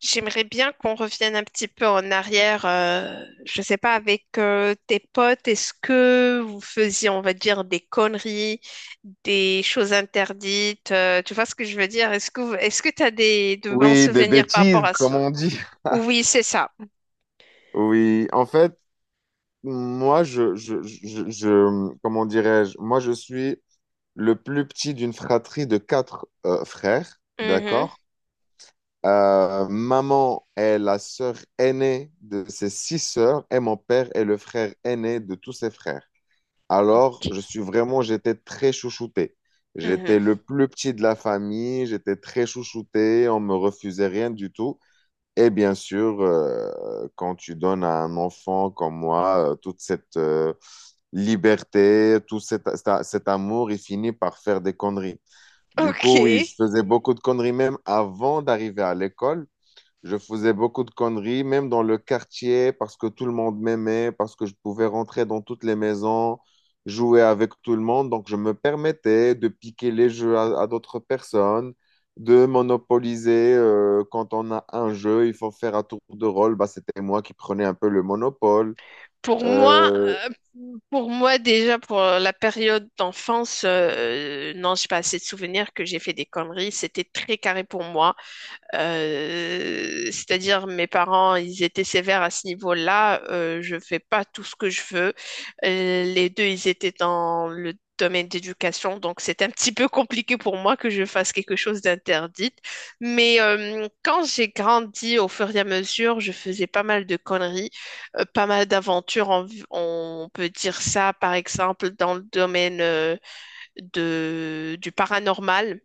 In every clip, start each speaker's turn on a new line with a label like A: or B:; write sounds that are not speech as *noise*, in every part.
A: J'aimerais bien qu'on revienne un petit peu en arrière. Je sais pas, avec tes potes, est-ce que vous faisiez, on va dire, des conneries, des choses interdites? Tu vois ce que je veux dire? Est-ce que tu as des de bons
B: Oui, des
A: souvenirs par rapport
B: bêtises,
A: à ce?
B: comme on dit.
A: Oui, c'est ça.
B: Oui, en fait, moi, comment dirais-je, moi, je suis le plus petit d'une fratrie de quatre frères,
A: Mhm.
B: d'accord? Maman est la sœur aînée de ses six sœurs et mon père est le frère aîné de tous ses frères. Alors, je
A: Ok.
B: suis vraiment, j'étais très chouchouté.
A: Mhm.
B: J'étais le plus petit de la famille, j'étais très chouchouté, on me refusait rien du tout. Et bien sûr, quand tu donnes à un enfant comme moi toute cette liberté, tout cet amour, il finit par faire des conneries. Du
A: Ok.
B: coup, oui, je faisais beaucoup de conneries même avant d'arriver à l'école. Je faisais beaucoup de conneries, même dans le quartier, parce que tout le monde m'aimait, parce que je pouvais rentrer dans toutes les maisons, jouer avec tout le monde. Donc, je me permettais de piquer les jeux à d'autres personnes, de monopoliser. Quand on a un jeu, il faut faire un tour de rôle. Bah, c'était moi qui prenais un peu le monopole.
A: Pour moi,
B: Euh,
A: euh, pour moi déjà pour la période d'enfance, non, j'ai pas assez de souvenirs que j'ai fait des conneries. C'était très carré pour moi. C'est-à-dire mes parents, ils étaient sévères à ce niveau-là. Je fais pas tout ce que je veux. Les deux, ils étaient dans le domaine d'éducation, donc c'est un petit peu compliqué pour moi que je fasse quelque chose d'interdit. Mais quand j'ai grandi, au fur et à mesure, je faisais pas mal de conneries, pas mal d'aventures, on peut dire ça, par exemple, dans le domaine du paranormal.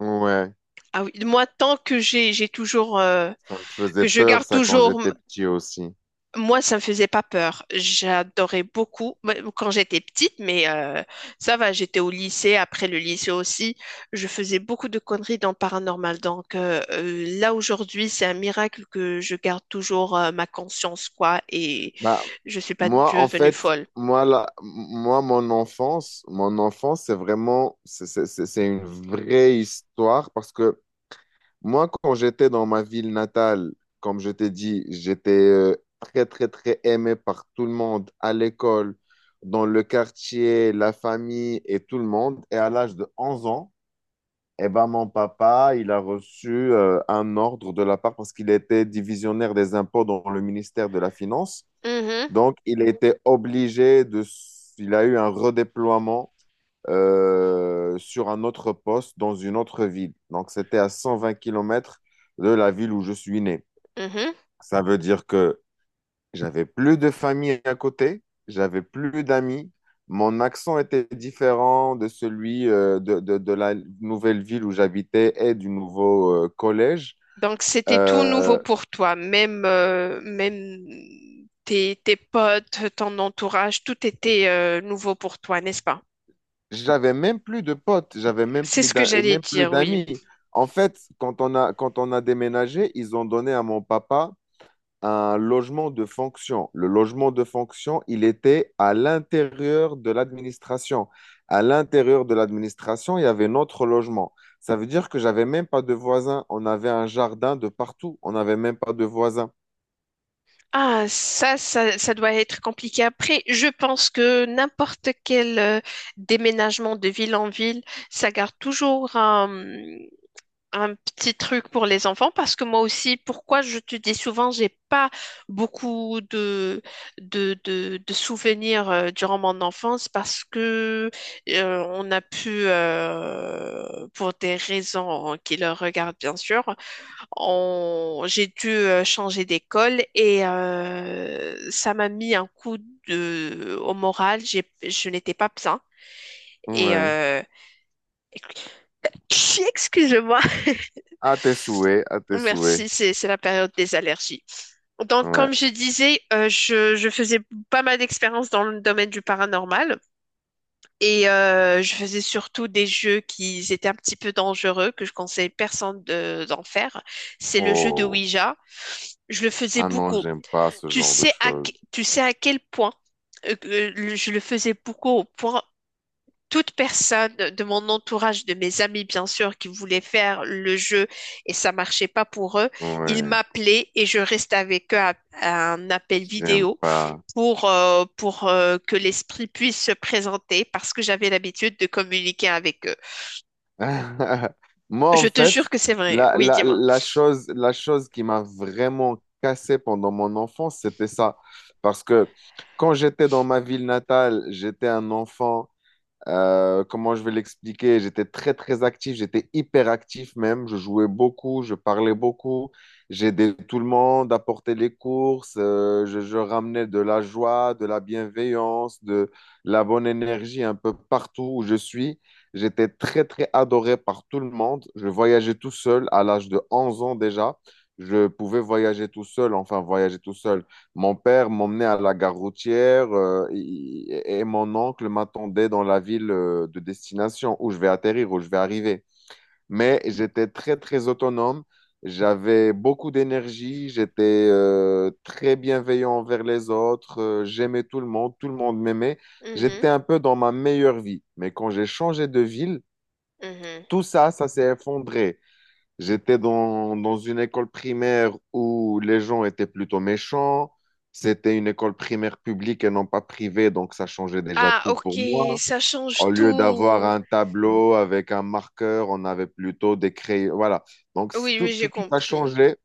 B: ouais,
A: Ah oui, moi, tant que j'ai toujours
B: ça me faisait
A: que je
B: peur,
A: garde
B: ça, quand
A: toujours.
B: j'étais petit aussi.
A: Moi, ça me faisait pas peur. J'adorais beaucoup bah, quand j'étais petite, mais ça va, j'étais au lycée, après le lycée aussi. Je faisais beaucoup de conneries dans le paranormal. Donc là, aujourd'hui, c'est un miracle que je garde toujours ma conscience, quoi, et
B: Bah,
A: je suis pas
B: moi, en
A: devenue
B: fait,
A: folle.
B: moi, là, moi, mon enfance, c'est vraiment, c'est une vraie histoire parce que moi, quand j'étais dans ma ville natale, comme je t'ai dit, j'étais très, très, très aimé par tout le monde à l'école, dans le quartier, la famille et tout le monde. Et à l'âge de 11 ans, eh ben, mon papa, il a reçu un ordre de la part parce qu'il était divisionnaire des impôts dans le ministère de la Finance.
A: Mhm,
B: Donc, il a été obligé de... Il a eu un redéploiement sur un autre poste dans une autre ville. Donc, c'était à 120 km de la ville où je suis né.
A: mhm.
B: Ça veut dire que j'avais plus de famille à côté, j'avais plus d'amis. Mon accent était différent de celui de la nouvelle ville où j'habitais et du nouveau collège.
A: Donc c'était tout
B: Euh,
A: nouveau pour toi, même, même tes, tes potes, ton entourage, tout était nouveau pour toi, n'est-ce pas?
B: J'avais même plus de potes, j'avais même
A: C'est
B: plus
A: ce que j'allais
B: même plus
A: dire, oui.
B: d'amis. En fait, quand on a déménagé, ils ont donné à mon papa un logement de fonction. Le logement de fonction, il était à l'intérieur de l'administration. À l'intérieur de l'administration, il y avait notre logement. Ça veut dire que j'avais même pas de voisins. On avait un jardin de partout. On n'avait même pas de voisins.
A: Ah, ça doit être compliqué. Après, je pense que n'importe quel déménagement de ville en ville, ça garde toujours un petit truc pour les enfants parce que moi aussi, pourquoi je te dis souvent, j'ai pas beaucoup de, de souvenirs durant mon enfance parce que on a pu, pour des raisons qui leur regardent bien sûr, j'ai dû changer d'école et ça m'a mis un coup de… au moral. Je n'étais pas bien. Et
B: Ouais.
A: *laughs* excusez-moi.
B: À tes souhaits, à tes
A: Merci,
B: souhaits.
A: c'est la période des allergies. Donc,
B: Ouais.
A: comme je disais, je faisais pas mal d'expériences dans le domaine du paranormal et je faisais surtout des jeux qui étaient un petit peu dangereux, que je conseille personne d'en faire. C'est le jeu de
B: Oh.
A: Ouija. Je le faisais
B: Ah non,
A: beaucoup.
B: j'aime pas ce genre de choses.
A: Tu sais à quel point je le faisais beaucoup au point toute personne de mon entourage, de mes amis bien sûr, qui voulaient faire le jeu et ça marchait pas pour eux, ils
B: Ouais.
A: m'appelaient et je restais avec eux à un appel
B: J'aime
A: vidéo
B: pas.
A: pour que l'esprit puisse se présenter parce que j'avais l'habitude de communiquer avec eux.
B: *laughs* Moi,
A: Je
B: en
A: te
B: fait,
A: jure que c'est vrai.
B: la,
A: Oui,
B: la,
A: dis-moi.
B: la chose, la chose qui m'a vraiment cassé pendant mon enfance, c'était ça. Parce que quand j'étais dans ma ville natale, j'étais un enfant. Comment je vais l'expliquer? J'étais très, très actif, j'étais hyper actif même. Je jouais beaucoup, je parlais beaucoup, j'aidais tout le monde à porter les courses, je ramenais de la joie, de la bienveillance, de la bonne énergie un peu partout où je suis. J'étais très, très adoré par tout le monde. Je voyageais tout seul à l'âge de 11 ans déjà. Je pouvais voyager tout seul, enfin voyager tout seul. Mon père m'emmenait à la gare routière et mon oncle m'attendait dans la ville de destination où je vais atterrir, où je vais arriver. Mais j'étais très, très autonome. J'avais beaucoup d'énergie. J'étais très bienveillant envers les autres. J'aimais tout le monde. Tout le monde m'aimait. J'étais
A: Mhm,
B: un peu dans ma meilleure vie. Mais quand j'ai changé de ville,
A: mhm.
B: tout ça, ça s'est effondré. J'étais dans une école primaire où les gens étaient plutôt méchants. C'était une école primaire publique et non pas privée, donc ça changeait déjà
A: Ah,
B: tout pour
A: ok,
B: moi.
A: ça
B: Au
A: change
B: lieu d'avoir
A: tout.
B: un tableau avec un marqueur, on avait plutôt des crayons. Voilà. Donc
A: Oui,
B: tout,
A: oui, j'ai
B: tout, tout a
A: compris.
B: changé.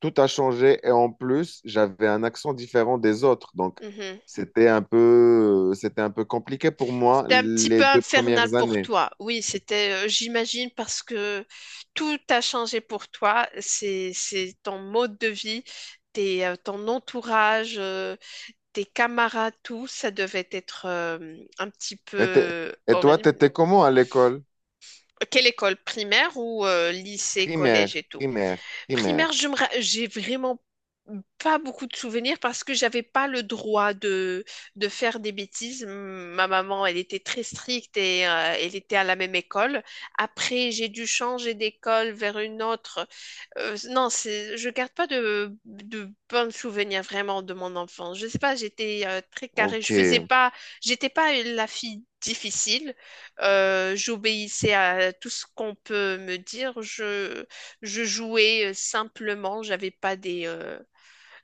B: Tout a changé. Et en plus, j'avais un accent différent des autres. Donc
A: Mhm.
B: c'était un peu compliqué pour moi
A: C'était un petit peu
B: les deux
A: infernal
B: premières
A: pour
B: années.
A: toi. Oui, c'était, j'imagine, parce que tout a changé pour toi. C'est ton mode de vie, tes, ton entourage, tes camarades, tout. Ça devait être un petit
B: Et,
A: peu
B: et toi,
A: horrible.
B: t'étais comment à l'école?
A: Quelle école primaire ou lycée,
B: Primaire,
A: collège et tout?
B: primaire, primaire.
A: Primaire, j'ai vraiment pas beaucoup de souvenirs parce que j'avais pas le droit de faire des bêtises. Ma maman, elle était très stricte et elle était à la même école. Après, j'ai dû changer d'école vers une autre. Non, c'est, je garde pas de, de bons souvenirs vraiment de mon enfance. Je sais pas, j'étais très carrée. Je faisais
B: OK.
A: pas, j'étais pas la fille difficile. J'obéissais à tout ce qu'on peut me dire. Je jouais simplement, j'avais pas des.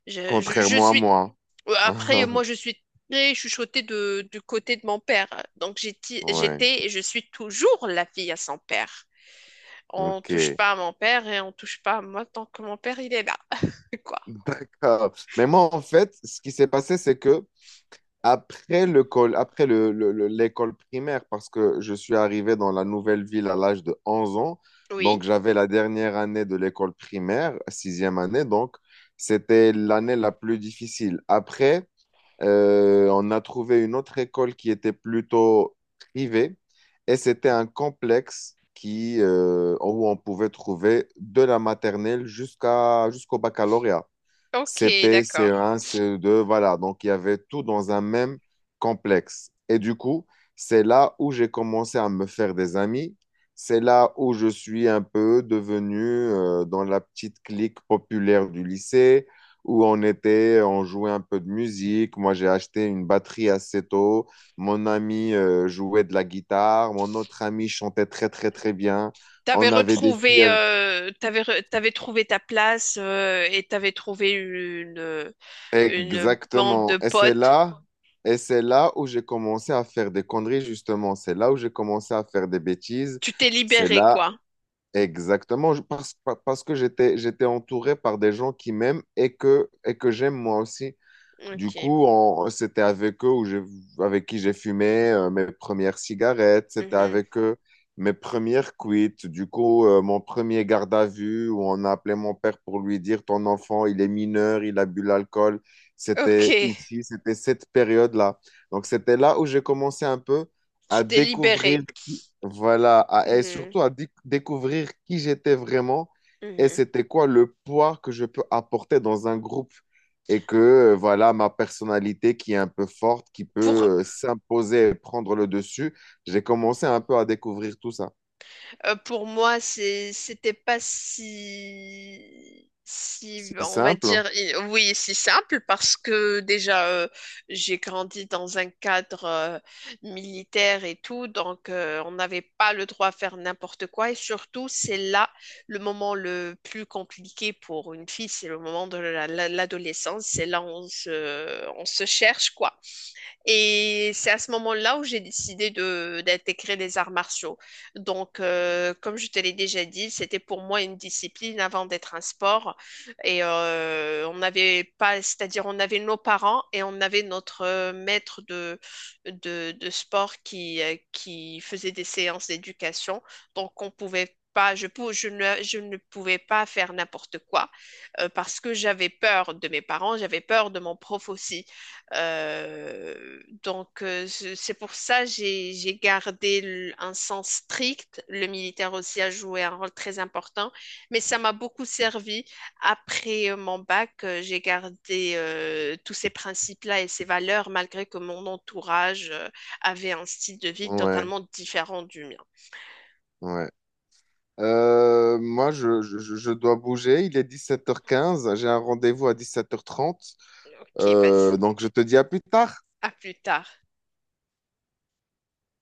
A: Je
B: Contrairement à
A: suis.
B: moi.
A: Après, moi,
B: *laughs*
A: je suis très chuchotée de, du côté de mon père. Donc, j'étais,
B: Ouais,
A: j'étais et je suis toujours la fille à son père. On touche
B: OK.
A: pas à mon père et on touche pas à moi tant que mon père, il est là. *laughs* Quoi.
B: D'accord. Mais moi, en fait, ce qui s'est passé, c'est que après après l'école primaire, parce que je suis arrivé dans la nouvelle ville à l'âge de 11 ans, donc
A: Oui.
B: j'avais la dernière année de l'école primaire, sixième année, donc c'était l'année la plus difficile. Après, on a trouvé une autre école qui était plutôt privée et c'était un complexe où on pouvait trouver de la maternelle jusqu'au baccalauréat.
A: Ok,
B: CP,
A: d'accord.
B: CE1, CE2, voilà. Donc, il y avait tout dans un même complexe. Et du coup, c'est là où j'ai commencé à me faire des amis. C'est là où je suis un peu devenu dans la petite clique populaire du lycée, où on était, on jouait un peu de musique. Moi, j'ai acheté une batterie assez tôt. Mon ami jouait de la guitare. Mon autre ami chantait très, très, très bien.
A: T'avais
B: On avait des
A: retrouvé,
B: filles.
A: t'avais, t'avais trouvé ta place et t'avais trouvé une bande
B: Exactement.
A: de
B: Et c'est
A: potes.
B: là, et c'est là où j'ai commencé à faire des conneries, justement. C'est là où j'ai commencé à faire des bêtises.
A: Tu t'es
B: C'est
A: libérée
B: là,
A: quoi.
B: exactement, parce que j'étais entouré par des gens qui m'aiment et que j'aime moi aussi. Du
A: Ok.
B: coup, c'était avec eux avec qui j'ai fumé mes premières cigarettes, c'était
A: Mhm.
B: avec eux mes premières cuites. Du coup, mon premier garde à vue où on a appelé mon père pour lui dire ton enfant, il est mineur, il a bu l'alcool.
A: Ok,
B: C'était ici, c'était cette période-là. Donc, c'était là où j'ai commencé un peu
A: tu
B: à
A: t'es
B: découvrir,
A: libéré.
B: voilà, et
A: Mhm,
B: surtout à découvrir qui j'étais vraiment et
A: mhm.
B: c'était quoi le poids que je peux apporter dans un groupe et que voilà ma personnalité qui est un peu forte, qui
A: Pour,
B: peut s'imposer et prendre le dessus. J'ai commencé un peu à découvrir tout ça.
A: pour moi, c'est, c'était pas si, si,
B: C'est
A: on va
B: simple, hein.
A: dire, oui, si simple parce que déjà, j'ai grandi dans un cadre militaire et tout, donc on n'avait pas le droit à faire n'importe quoi. Et surtout, c'est là le moment le plus compliqué pour une fille, c'est le moment de l'adolescence. C'est là où on se cherche, quoi. Et c'est à ce moment-là où j'ai décidé de d'intégrer les arts martiaux. Donc, comme je te l'ai déjà dit, c'était pour moi une discipline avant d'être un sport. Et on n'avait pas, c'est-à-dire on avait nos parents et on avait notre maître de, de sport qui faisait des séances d'éducation. Donc, on pouvait pas, je ne pouvais pas faire n'importe quoi parce que j'avais peur de mes parents, j'avais peur de mon prof aussi. Euh, c'est pour ça j'ai gardé un sens strict. Le militaire aussi a joué un rôle très important, mais ça m'a beaucoup servi. Après mon bac, j'ai gardé tous ces principes-là et ces valeurs, malgré que mon entourage avait un style de vie
B: Ouais,
A: totalement différent du mien.
B: ouais. Moi, je dois bouger. Il est 17h15. J'ai un rendez-vous à 17h30.
A: Ok, vas-y,
B: Donc, je te dis à plus tard.
A: à plus tard.